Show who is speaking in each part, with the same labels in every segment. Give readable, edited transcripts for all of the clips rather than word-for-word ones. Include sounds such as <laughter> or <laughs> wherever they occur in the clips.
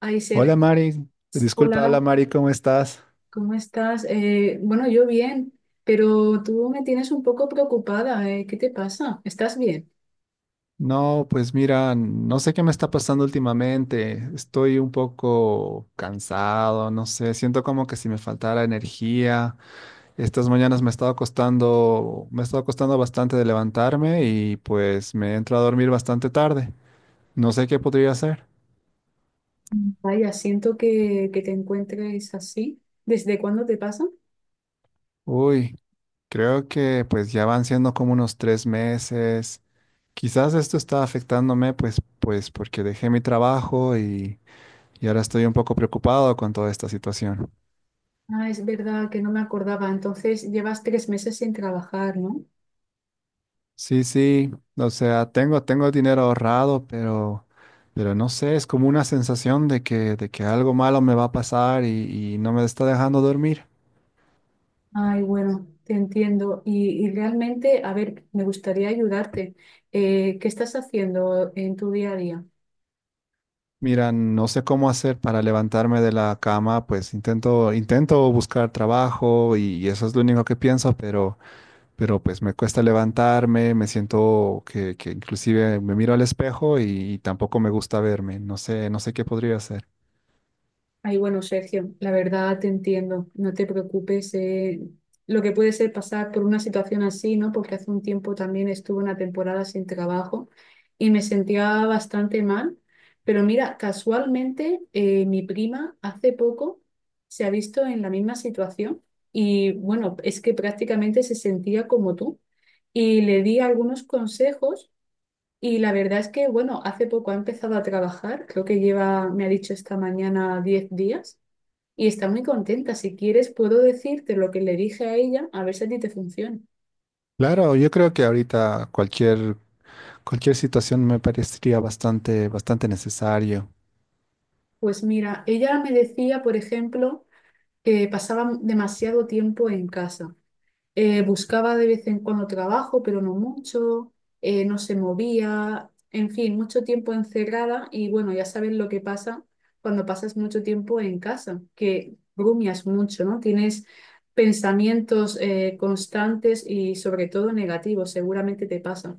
Speaker 1: Ay,
Speaker 2: Hola
Speaker 1: Sergio,
Speaker 2: Mari, disculpa, hola
Speaker 1: hola,
Speaker 2: Mari, ¿cómo estás?
Speaker 1: ¿cómo estás? Bueno, yo bien, pero tú me tienes un poco preocupada, ¿qué te pasa? ¿Estás bien?
Speaker 2: No, pues mira, no sé qué me está pasando últimamente. Estoy un poco cansado, no sé, siento como que si me faltara energía. Estas mañanas me ha estado costando bastante de levantarme y pues me entro a dormir bastante tarde. No sé qué podría hacer.
Speaker 1: Mm. Vaya, siento que te encuentres así. ¿Desde cuándo te pasa?
Speaker 2: Uy, creo que pues ya van siendo como unos 3 meses. Quizás esto está afectándome, pues porque dejé mi trabajo y ahora estoy un poco preocupado con toda esta situación.
Speaker 1: Ah, es verdad que no me acordaba. Entonces, llevas 3 meses sin trabajar, ¿no?
Speaker 2: Sí, sí, o sea, tengo dinero ahorrado, pero no sé, es como una sensación de que algo malo me va a pasar y no me está dejando dormir.
Speaker 1: Ay, bueno, te entiendo. Y realmente, a ver, me gustaría ayudarte. ¿Qué estás haciendo en tu día a día?
Speaker 2: Mira, no sé cómo hacer para levantarme de la cama, pues intento buscar trabajo y eso es lo único que pienso, pero pues me cuesta levantarme, me siento que inclusive me miro al espejo y tampoco me gusta verme. No sé qué podría hacer.
Speaker 1: Ay, bueno, Sergio, la verdad te entiendo, no te preocupes. Lo que puede ser pasar por una situación así, ¿no? Porque hace un tiempo también estuve una temporada sin trabajo y me sentía bastante mal. Pero mira, casualmente mi prima hace poco se ha visto en la misma situación y bueno, es que prácticamente se sentía como tú y le di algunos consejos y la verdad es que, bueno, hace poco ha empezado a trabajar, creo que lleva, me ha dicho esta mañana, 10 días y está muy contenta. Si quieres, puedo decirte lo que le dije a ella, a ver si a ti te funciona.
Speaker 2: Claro, yo creo que ahorita cualquier situación me parecería bastante, bastante necesario.
Speaker 1: Pues mira, ella me decía, por ejemplo, que pasaba demasiado tiempo en casa. Buscaba de vez en cuando trabajo, pero no mucho. No se movía. En fin, mucho tiempo encerrada. Y bueno, ya sabes lo que pasa cuando pasas mucho tiempo en casa, que rumias mucho, ¿no? Tienes pensamientos constantes y sobre todo negativos. Seguramente te pasa.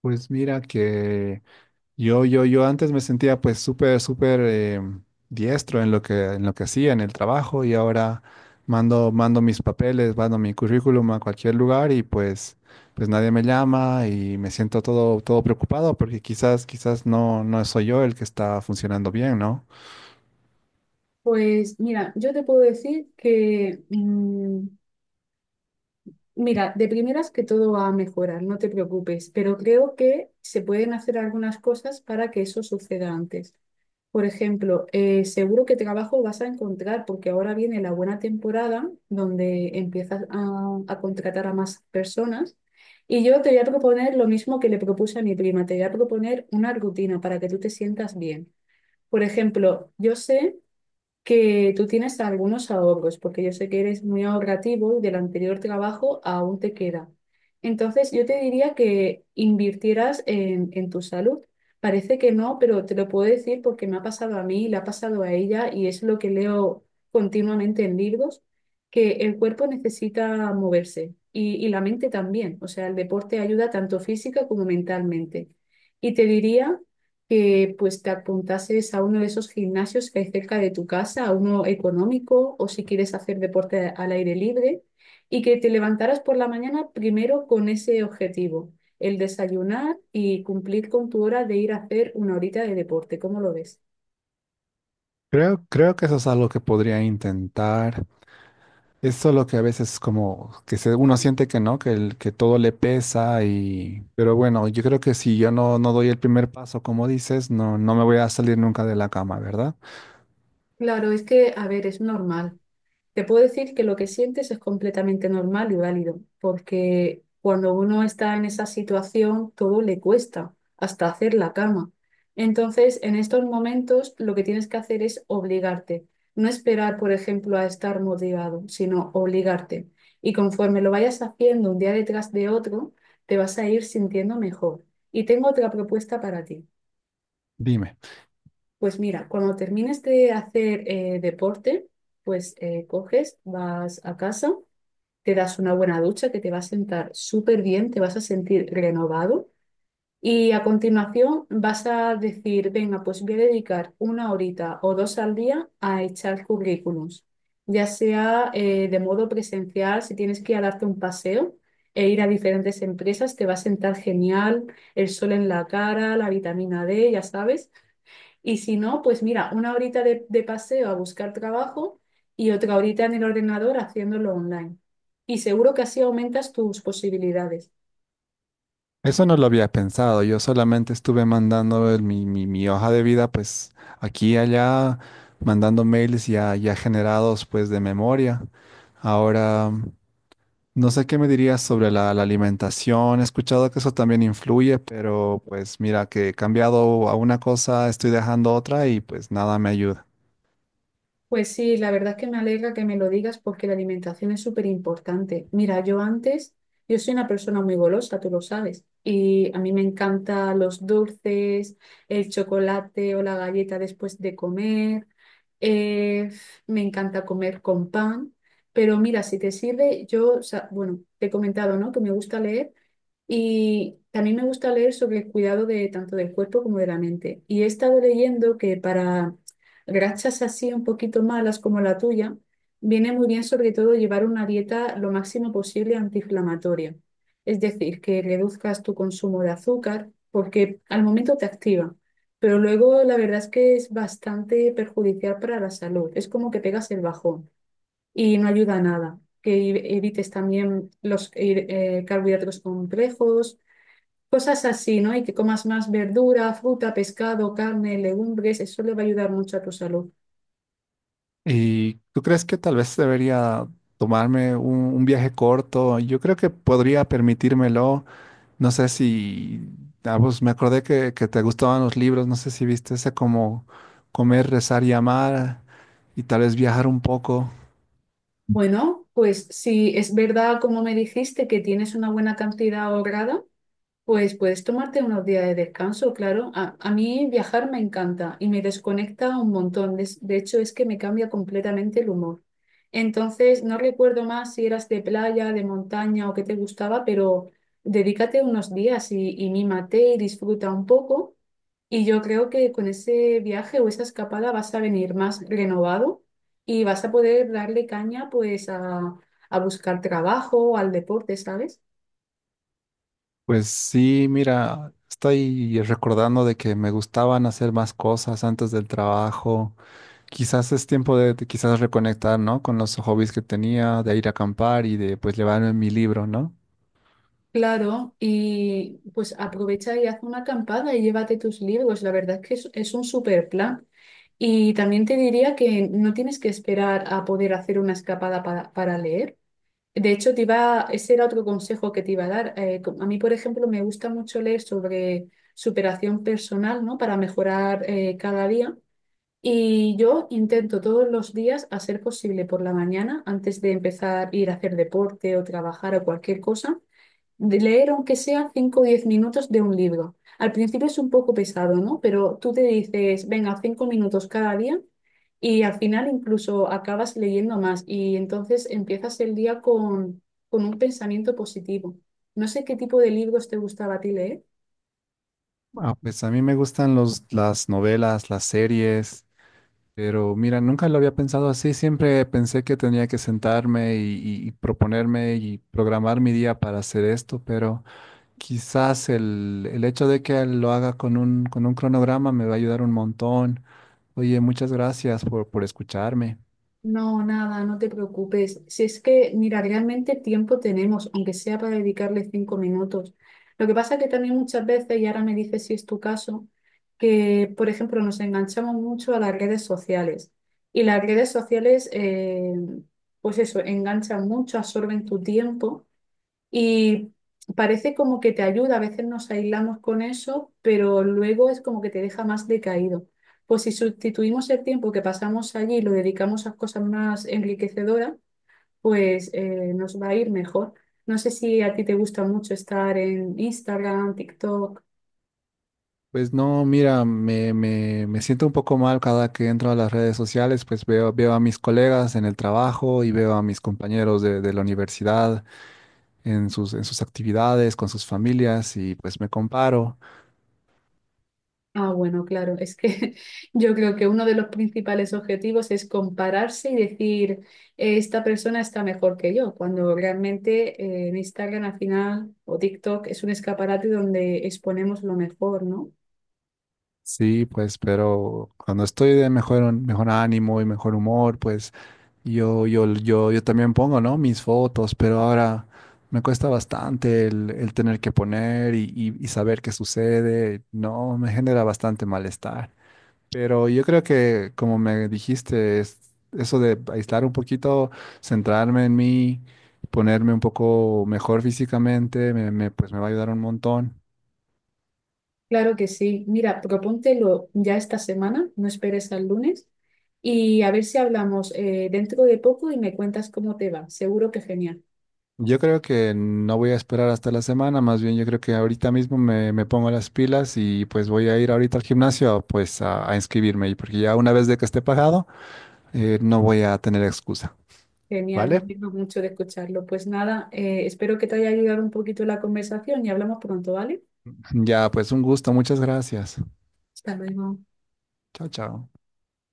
Speaker 2: Pues mira que yo antes me sentía pues súper, súper diestro en lo que hacía, en el trabajo, y ahora mando mis papeles, mando mi currículum a cualquier lugar y pues nadie me llama y me siento todo, todo preocupado porque quizás no, no soy yo el que está funcionando bien, ¿no?
Speaker 1: Pues mira, yo te puedo decir que mira, de primeras que todo va a mejorar, no te preocupes, pero creo que se pueden hacer algunas cosas para que eso suceda antes. Por ejemplo, seguro que trabajo vas a encontrar porque ahora viene la buena temporada donde empiezas a contratar a más personas. Y yo te voy a proponer lo mismo que le propuse a mi prima, te voy a proponer una rutina para que tú te sientas bien. Por ejemplo, yo sé que tú tienes algunos ahorros, porque yo sé que eres muy ahorrativo y del anterior trabajo aún te queda. Entonces, yo te diría que invirtieras en tu salud. Parece que no, pero te lo puedo decir porque me ha pasado a mí, le ha pasado a ella y es lo que leo continuamente en libros, que el cuerpo necesita moverse y la mente también. O sea, el deporte ayuda tanto física como mentalmente. Y te diría que pues te apuntases a uno de esos gimnasios que hay cerca de tu casa, a uno económico o si quieres hacer deporte al aire libre y que te levantaras por la mañana primero con ese objetivo, el desayunar y cumplir con tu hora de ir a hacer una horita de deporte. ¿Cómo lo ves?
Speaker 2: Creo que eso es algo que podría intentar. Es solo que a veces como que uno siente que no, que todo le pesa y. Pero bueno, yo creo que si yo no doy el primer paso, como dices, no me voy a salir nunca de la cama, ¿verdad?
Speaker 1: Claro, es que, a ver, es normal. Te puedo decir que lo que sientes es completamente normal y válido, porque cuando uno está en esa situación, todo le cuesta, hasta hacer la cama. Entonces, en estos momentos, lo que tienes que hacer es obligarte, no esperar, por ejemplo, a estar motivado, sino obligarte. Y conforme lo vayas haciendo un día detrás de otro, te vas a ir sintiendo mejor. Y tengo otra propuesta para ti.
Speaker 2: Dime,
Speaker 1: Pues mira, cuando termines de hacer deporte, pues coges, vas a casa, te das una buena ducha que te va a sentar súper bien, te vas a sentir renovado y a continuación vas a decir, venga, pues voy a dedicar una horita o dos al día a echar currículums, ya sea de modo presencial, si tienes que ir a darte un paseo e ir a diferentes empresas, te va a sentar genial, el sol en la cara, la vitamina D, ya sabes. Y si no, pues mira, una horita de paseo a buscar trabajo y otra horita en el ordenador haciéndolo online. Y seguro que así aumentas tus posibilidades.
Speaker 2: eso no lo había pensado, yo solamente estuve mandando mi hoja de vida pues aquí y allá, mandando mails ya generados pues de memoria. Ahora, no sé qué me dirías sobre la alimentación. He escuchado que eso también influye, pero pues mira que he cambiado a una cosa, estoy dejando otra y pues nada me ayuda.
Speaker 1: Pues sí, la verdad es que me alegra que me lo digas porque la alimentación es súper importante. Mira, yo antes, yo soy una persona muy golosa, tú lo sabes, y a mí me encantan los dulces, el chocolate o la galleta después de comer, eh, me encanta comer con pan, pero mira, si te sirve, yo, o sea, bueno, te he comentado, ¿no? Que me gusta leer. Y también me gusta leer sobre el cuidado de tanto del cuerpo como de la mente. Y he estado leyendo que para grachas así un poquito malas como la tuya, viene muy bien sobre todo llevar una dieta lo máximo posible antiinflamatoria. Es decir, que reduzcas tu consumo de azúcar porque al momento te activa, pero luego la verdad es que es bastante perjudicial para la salud. Es como que pegas el bajón y no ayuda a nada. Que evites también los carbohidratos complejos. Cosas así, ¿no? Y que comas más verdura, fruta, pescado, carne, legumbres, eso le va a ayudar mucho a tu salud.
Speaker 2: ¿Y tú crees que tal vez debería tomarme un viaje corto? Yo creo que podría permitírmelo. No sé si, Ah, pues me acordé que te gustaban los libros. No sé si viste ese como comer, rezar y amar y tal vez viajar un poco.
Speaker 1: Bueno, pues si es verdad, como me dijiste, que tienes una buena cantidad ahorrada, pues puedes tomarte unos días de descanso, claro. A mí viajar me encanta y me desconecta un montón. De hecho, es que me cambia completamente el humor. Entonces, no recuerdo más si eras de playa, de montaña o qué te gustaba, pero dedícate unos días y mímate y disfruta un poco. Y yo creo que con ese viaje o esa escapada vas a venir más renovado y vas a poder darle caña pues a buscar trabajo, al deporte, ¿sabes?
Speaker 2: Pues sí, mira, estoy recordando de que me gustaban hacer más cosas antes del trabajo. Quizás es tiempo de quizás reconectar, ¿no? Con los hobbies que tenía, de ir a acampar y de pues llevarme mi libro, ¿no?
Speaker 1: Claro, y pues aprovecha y haz una acampada y llévate tus libros. La verdad es que es un super plan. Y también te diría que no tienes que esperar a poder hacer una escapada para leer. De hecho, te iba, ese era otro consejo que te iba a dar. A mí, por ejemplo, me gusta mucho leer sobre superación personal, ¿no? Para mejorar cada día. Y yo intento todos los días, a ser posible por la mañana, antes de empezar a ir a hacer deporte o trabajar o cualquier cosa de leer aunque sea 5 o 10 minutos de un libro. Al principio es un poco pesado, ¿no? Pero tú te dices, venga, 5 minutos cada día y al final incluso acabas leyendo más y entonces empiezas el día con un pensamiento positivo. No sé qué tipo de libros te gustaba a ti leer.
Speaker 2: Ah, pues a mí me gustan las novelas, las series, pero mira, nunca lo había pensado así. Siempre pensé que tenía que sentarme y proponerme y programar mi día para hacer esto, pero quizás el hecho de que lo haga con un cronograma me va a ayudar un montón. Oye, muchas gracias por escucharme.
Speaker 1: No, nada, no te preocupes. Si es que, mira, realmente tiempo tenemos, aunque sea para dedicarle 5 minutos. Lo que pasa que también muchas veces, y ahora me dices si es tu caso, que, por ejemplo, nos enganchamos mucho a las redes sociales. Y las redes sociales, pues eso, enganchan mucho, absorben tu tiempo. Y parece como que te ayuda, a veces nos aislamos con eso, pero luego es como que te deja más decaído. Pues si sustituimos el tiempo que pasamos allí y lo dedicamos a cosas más enriquecedoras, pues nos va a ir mejor. No sé si a ti te gusta mucho estar en Instagram, TikTok.
Speaker 2: Pues no, mira, me siento un poco mal cada que entro a las redes sociales, pues veo a mis colegas en el trabajo y veo a mis compañeros de la universidad en sus actividades, con sus familias y pues me comparo.
Speaker 1: Ah, bueno, claro, es que <laughs> yo creo que uno de los principales objetivos es compararse y decir, esta persona está mejor que yo", cuando realmente en Instagram al final o TikTok es un escaparate donde exponemos lo mejor, ¿no?
Speaker 2: Sí, pues, pero cuando estoy de mejor, mejor ánimo y mejor humor, pues. Yo también pongo, ¿no? Mis fotos, pero ahora me cuesta bastante el tener que poner y saber qué sucede. No, me genera bastante malestar. Pero yo creo que, como me dijiste, es eso de aislar un poquito, centrarme en mí, ponerme un poco mejor físicamente, pues me va a ayudar un montón.
Speaker 1: Claro que sí. Mira, propóntelo ya esta semana, no esperes al lunes y a ver si hablamos dentro de poco y me cuentas cómo te va. Seguro que genial.
Speaker 2: Yo creo que no voy a esperar hasta la semana, más bien yo creo que ahorita mismo me pongo las pilas y pues voy a ir ahorita al gimnasio pues a inscribirme, y porque ya una vez de que esté pagado, no voy a tener excusa,
Speaker 1: Genial, me
Speaker 2: ¿vale?
Speaker 1: alegro mucho de escucharlo. Pues nada, espero que te haya ayudado un poquito la conversación y hablamos pronto, ¿vale?
Speaker 2: Ya, pues un gusto, muchas gracias.
Speaker 1: Hasta luego.
Speaker 2: Chao, chao.